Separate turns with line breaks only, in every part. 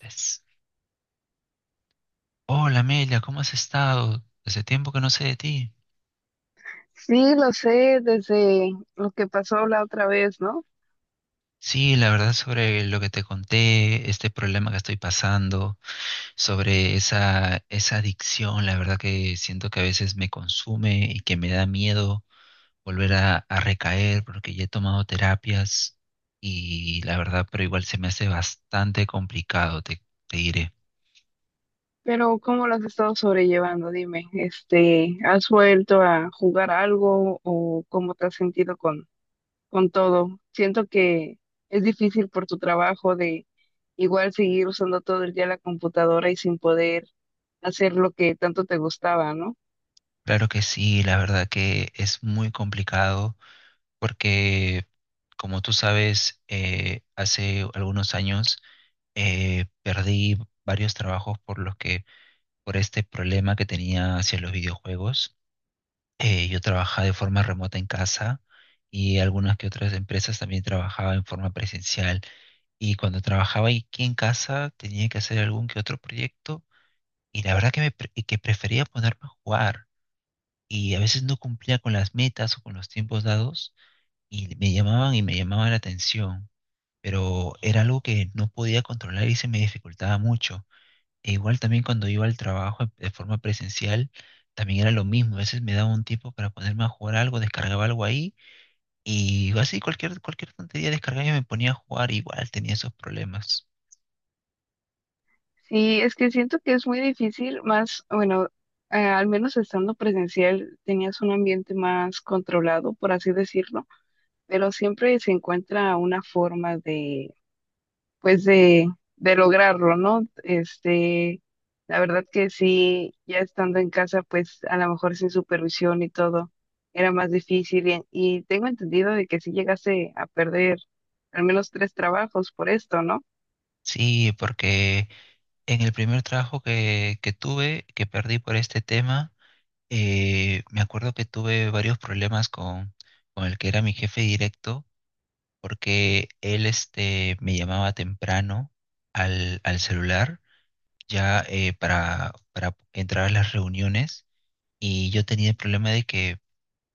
Es- Hola Amelia, ¿cómo has estado? Hace tiempo que no sé de ti.
Sí, lo sé desde lo que pasó la otra vez, ¿no?
Sí, la verdad sobre lo que te conté, este problema que estoy pasando, sobre esa adicción, la verdad que siento que a veces me consume y que me da miedo volver a recaer porque ya he tomado terapias y la verdad, pero igual se me hace bastante complicado, te diré.
Pero ¿cómo lo has estado sobrellevando? Dime, ¿has vuelto a jugar algo o cómo te has sentido con todo? Siento que es difícil por tu trabajo de igual seguir usando todo el día la computadora y sin poder hacer lo que tanto te gustaba, ¿no?
Claro que sí, la verdad que es muy complicado porque como tú sabes, hace algunos años perdí varios trabajos por este problema que tenía hacia los videojuegos. Yo trabajaba de forma remota en casa y algunas que otras empresas también trabajaba en forma presencial. Y cuando trabajaba aquí en casa tenía que hacer algún que otro proyecto y la verdad que, que prefería ponerme a jugar. Y a veces no cumplía con las metas o con los tiempos dados y me llamaban la atención. Pero era algo que no podía controlar y se me dificultaba mucho. E igual también cuando iba al trabajo de forma presencial, también era lo mismo. A veces me daba un tiempo para ponerme a jugar algo, descargaba algo ahí y así cualquier tontería descargaba y me ponía a jugar, igual tenía esos problemas.
Sí, es que siento que es muy difícil, más, bueno, al menos estando presencial tenías un ambiente más controlado, por así decirlo, pero siempre se encuentra una forma de de lograrlo, ¿no? La verdad que sí, ya estando en casa, pues a lo mejor sin supervisión y todo, era más difícil y tengo entendido de que sí llegaste a perder al menos tres trabajos por esto, ¿no?
Sí, porque en el primer trabajo que tuve, que perdí por este tema, me acuerdo que tuve varios problemas con el que era mi jefe directo porque él me llamaba temprano al celular ya, para entrar a las reuniones y yo tenía el problema de que,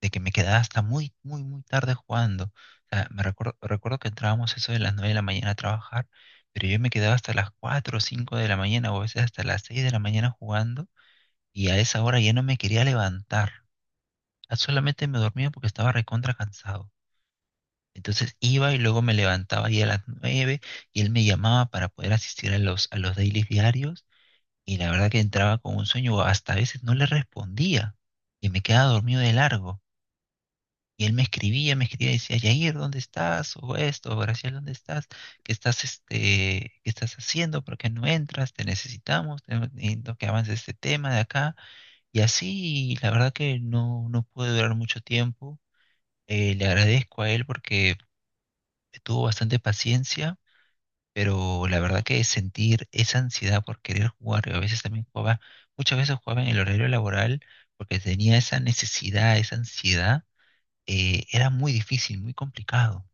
de que me quedaba hasta muy, muy, muy tarde jugando. O sea, recuerdo que entrábamos eso de las 9 de la mañana a trabajar, pero yo me quedaba hasta las 4 o 5 de la mañana o a veces hasta las 6 de la mañana jugando y a esa hora ya no me quería levantar. Solamente me dormía porque estaba recontra cansado. Entonces iba y luego me levantaba ahí a las 9 y él me llamaba para poder asistir a los dailies diarios y la verdad que entraba con un sueño, hasta a veces no le respondía y me quedaba dormido de largo. Y él me escribía y decía: Yair, ¿dónde estás? O esto, Graciel, ¿dónde estás? ¿Qué estás, este, qué estás haciendo? ¿Por qué no entras? Te necesitamos, necesito que avances este tema de acá. Y así, la verdad que no, no pude durar mucho tiempo. Le agradezco a él porque tuvo bastante paciencia, pero la verdad que sentir esa ansiedad por querer jugar, y a veces también jugaba, muchas veces jugaba en el horario laboral porque tenía esa necesidad, esa ansiedad, era muy difícil, muy complicado.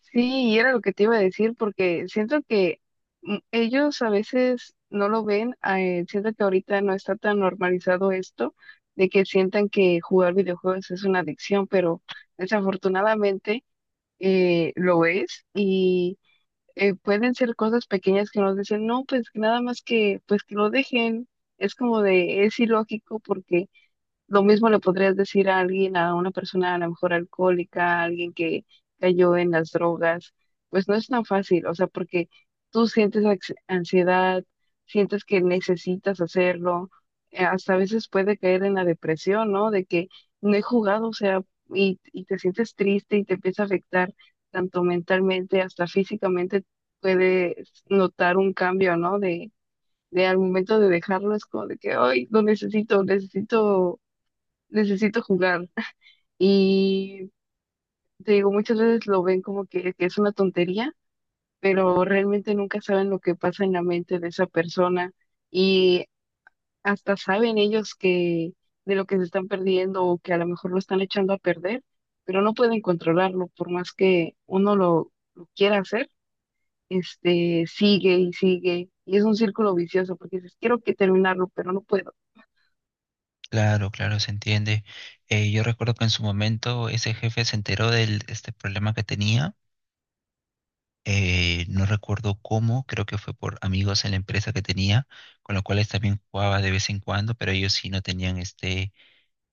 Sí, y era lo que te iba a decir, porque siento que ellos a veces no lo ven, siento que ahorita no está tan normalizado esto de que sientan que jugar videojuegos es una adicción, pero desafortunadamente, lo es, y pueden ser cosas pequeñas que nos dicen, no, pues que nada más que, pues que lo dejen. Es como de, es ilógico, porque lo mismo le podrías decir a alguien, a una persona a lo mejor alcohólica, a alguien que cayó en las drogas. Pues no es tan fácil, o sea, porque tú sientes ansiedad, sientes que necesitas hacerlo. Hasta a veces puede caer en la depresión, ¿no? De que no he jugado, o sea, y te sientes triste y te empieza a afectar tanto mentalmente, hasta físicamente puedes notar un cambio, ¿no? De al momento de dejarlo es como de que, ay, lo necesito, necesito jugar. Y te digo, muchas veces lo ven como que es una tontería, pero realmente nunca saben lo que pasa en la mente de esa persona, y hasta saben ellos que de lo que se están perdiendo o que a lo mejor lo están echando a perder, pero no pueden controlarlo por más que uno lo quiera hacer. Este sigue y sigue, y es un círculo vicioso, porque dices, quiero que terminarlo, pero no puedo.
Claro, claro, se entiende. Yo recuerdo que en su momento ese jefe se enteró de este problema que tenía. No recuerdo cómo, creo que fue por amigos en la empresa que tenía, con los cuales también jugaba de vez en cuando, pero ellos sí no tenían este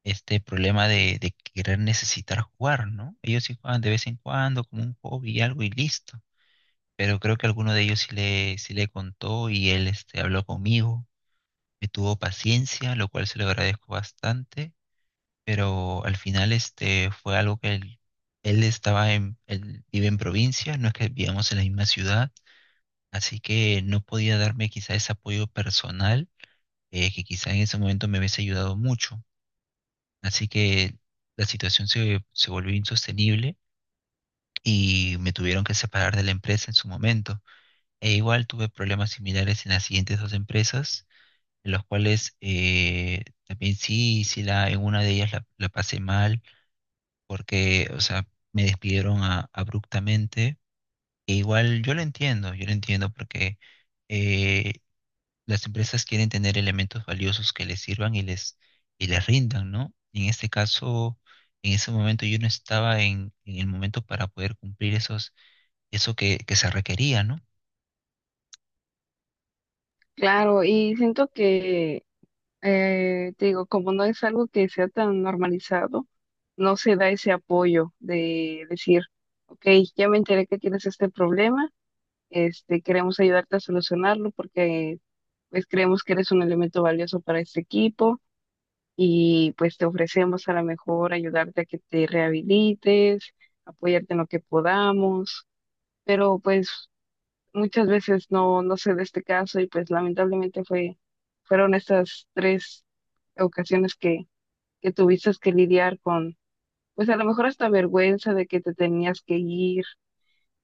este problema de querer necesitar jugar, ¿no? Ellos sí juegan de vez en cuando como un hobby y algo y listo. Pero creo que alguno de ellos sí le contó y él habló conmigo, me tuvo paciencia, lo cual se lo agradezco bastante, pero al final fue algo que él vive en provincia, no es que vivamos en la misma ciudad, así que no podía darme quizá ese apoyo personal, que quizá en ese momento me hubiese ayudado mucho. Así que la situación se volvió insostenible y me tuvieron que separar de la empresa en su momento. E igual tuve problemas similares en las siguientes dos empresas, en los cuales también sí, sí en una de ellas la pasé mal porque, o sea, me despidieron abruptamente. E igual yo lo entiendo porque eh, las empresas quieren tener elementos valiosos que les sirvan y les rindan, ¿no? Y en este caso, en ese momento yo no estaba en el momento para poder cumplir eso que se requería, ¿no?
Claro, y siento que te digo, como no es algo que sea tan normalizado, no se da ese apoyo de decir, ok, ya me enteré que tienes este problema. Queremos ayudarte a solucionarlo, porque pues creemos que eres un elemento valioso para este equipo, y pues te ofrecemos a lo mejor ayudarte a que te rehabilites, apoyarte en lo que podamos. Pero pues muchas veces no se da este caso, y pues lamentablemente fueron estas tres ocasiones que tuviste que lidiar con, pues a lo mejor hasta vergüenza de que te tenías que ir.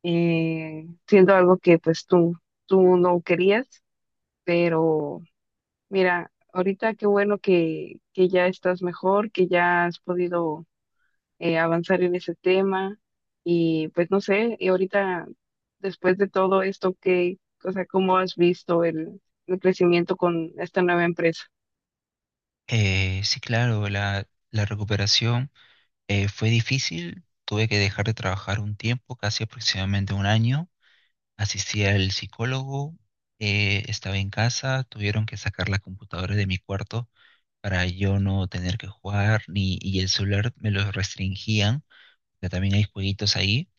Siendo algo que tú no querías, pero mira, ahorita qué bueno que ya estás mejor, que ya has podido, avanzar en ese tema. Y pues no sé, y ahorita después de todo esto, ¿qué, o sea, cómo has visto el crecimiento con esta nueva empresa?
Sí, claro, la recuperación, fue difícil. Tuve que dejar de trabajar un tiempo, casi aproximadamente un año. Asistí al psicólogo, estaba en casa, tuvieron que sacar la computadora de mi cuarto para yo no tener que jugar, ni, y el celular me lo restringían, ya también hay jueguitos ahí.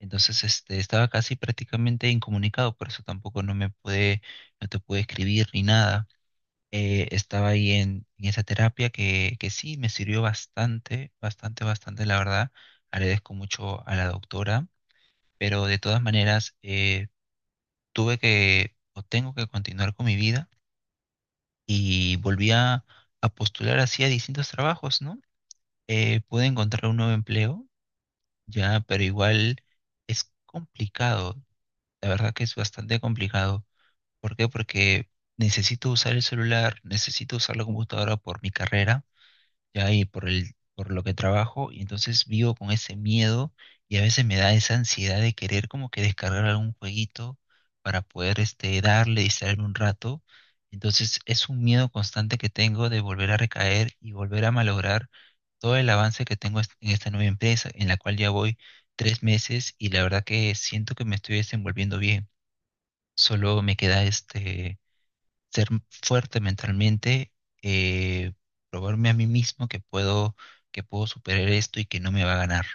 Entonces, estaba casi prácticamente incomunicado, por eso tampoco no te pude escribir ni nada. Estaba ahí en esa terapia que sí me sirvió bastante, bastante, bastante, la verdad. Agradezco mucho a la doctora, pero de todas maneras, tuve que o tengo que continuar con mi vida y volví a postular así a distintos trabajos, ¿no? Pude encontrar un nuevo empleo, ya, pero igual es complicado. La verdad que es bastante complicado. ¿Por qué? Porque necesito usar el celular, necesito usar la computadora por mi carrera ya y por lo que trabajo, y entonces vivo con ese miedo y a veces me da esa ansiedad de querer como que descargar algún jueguito para poder darle, distraerme un rato. Entonces es un miedo constante que tengo de volver a recaer y volver a malograr todo el avance que tengo en esta nueva empresa, en la cual ya voy 3 meses y la verdad que siento que me estoy desenvolviendo bien. Solo me queda ser fuerte mentalmente, eh, probarme a mí mismo que puedo superar esto y que no me va a ganar.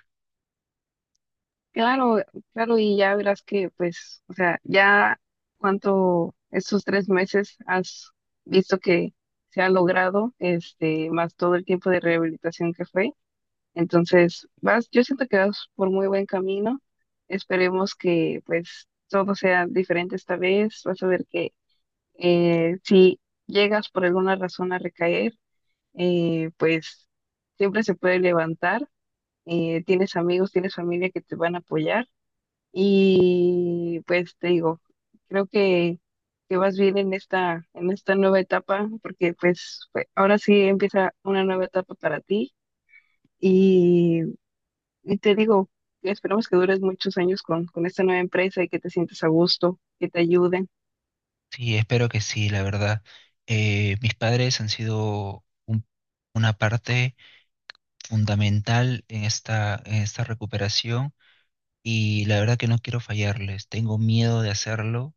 Claro, claro, y ya verás que, pues, o sea, ya cuánto estos 3 meses has visto que se ha logrado. Más todo el tiempo de rehabilitación que fue. Entonces, vas, yo siento que vas por muy buen camino. Esperemos que, pues, todo sea diferente esta vez. Vas a ver que si llegas por alguna razón a recaer, pues, siempre se puede levantar. Tienes amigos, tienes familia que te van a apoyar. Y pues te digo, creo que vas bien en esta nueva etapa, porque ahora sí empieza una nueva etapa para ti. Y, y te digo, esperamos que dures muchos años con esta nueva empresa y que te sientas a gusto, que te ayuden.
Sí, espero que sí, la verdad. Mis padres han sido una parte fundamental en esta recuperación y la verdad que no quiero fallarles. Tengo miedo de hacerlo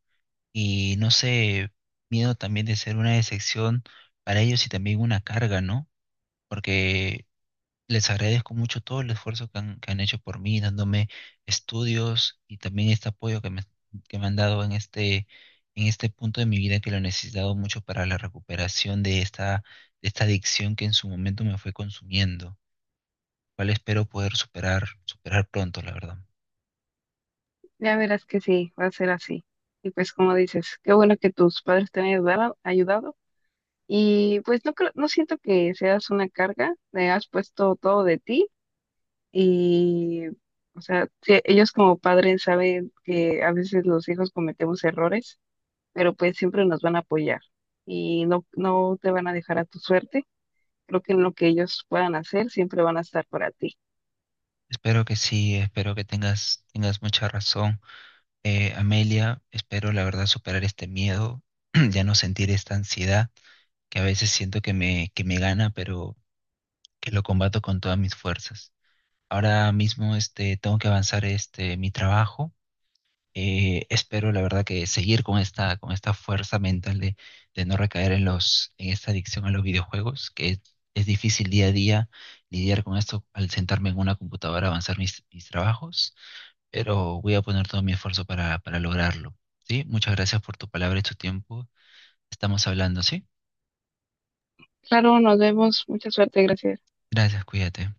y no sé, miedo también de ser una decepción para ellos y también una carga, ¿no? Porque les agradezco mucho todo el esfuerzo que han hecho por mí, dándome estudios y también este apoyo que me han dado en este punto de mi vida que lo he necesitado mucho para la recuperación de esta adicción que en su momento me fue consumiendo, cual espero poder superar, superar pronto, la verdad.
Ya verás que sí, va a ser así. Y pues como dices, qué bueno que tus padres te han ayudado. Y pues no creo, no siento que seas una carga, le has puesto todo de ti. Y, o sea, sí, ellos como padres saben que a veces los hijos cometemos errores, pero pues siempre nos van a apoyar, y no te van a dejar a tu suerte. Creo que en lo que ellos puedan hacer, siempre van a estar para ti.
Espero que sí, espero que tengas mucha razón, Amelia. Espero, la verdad, superar este miedo, ya no sentir esta ansiedad que a veces siento que me gana, pero que lo combato con todas mis fuerzas. Ahora mismo tengo que avanzar mi trabajo. Espero, la verdad, que seguir con esta fuerza mental de no recaer en esta adicción a los videojuegos, que es difícil día a día lidiar con esto al sentarme en una computadora a avanzar mis trabajos, pero voy a poner todo mi esfuerzo para lograrlo. ¿Sí? Muchas gracias por tu palabra y tu tiempo. Estamos hablando, ¿sí?
Claro, nos vemos. Mucha suerte. Gracias.
Gracias, cuídate.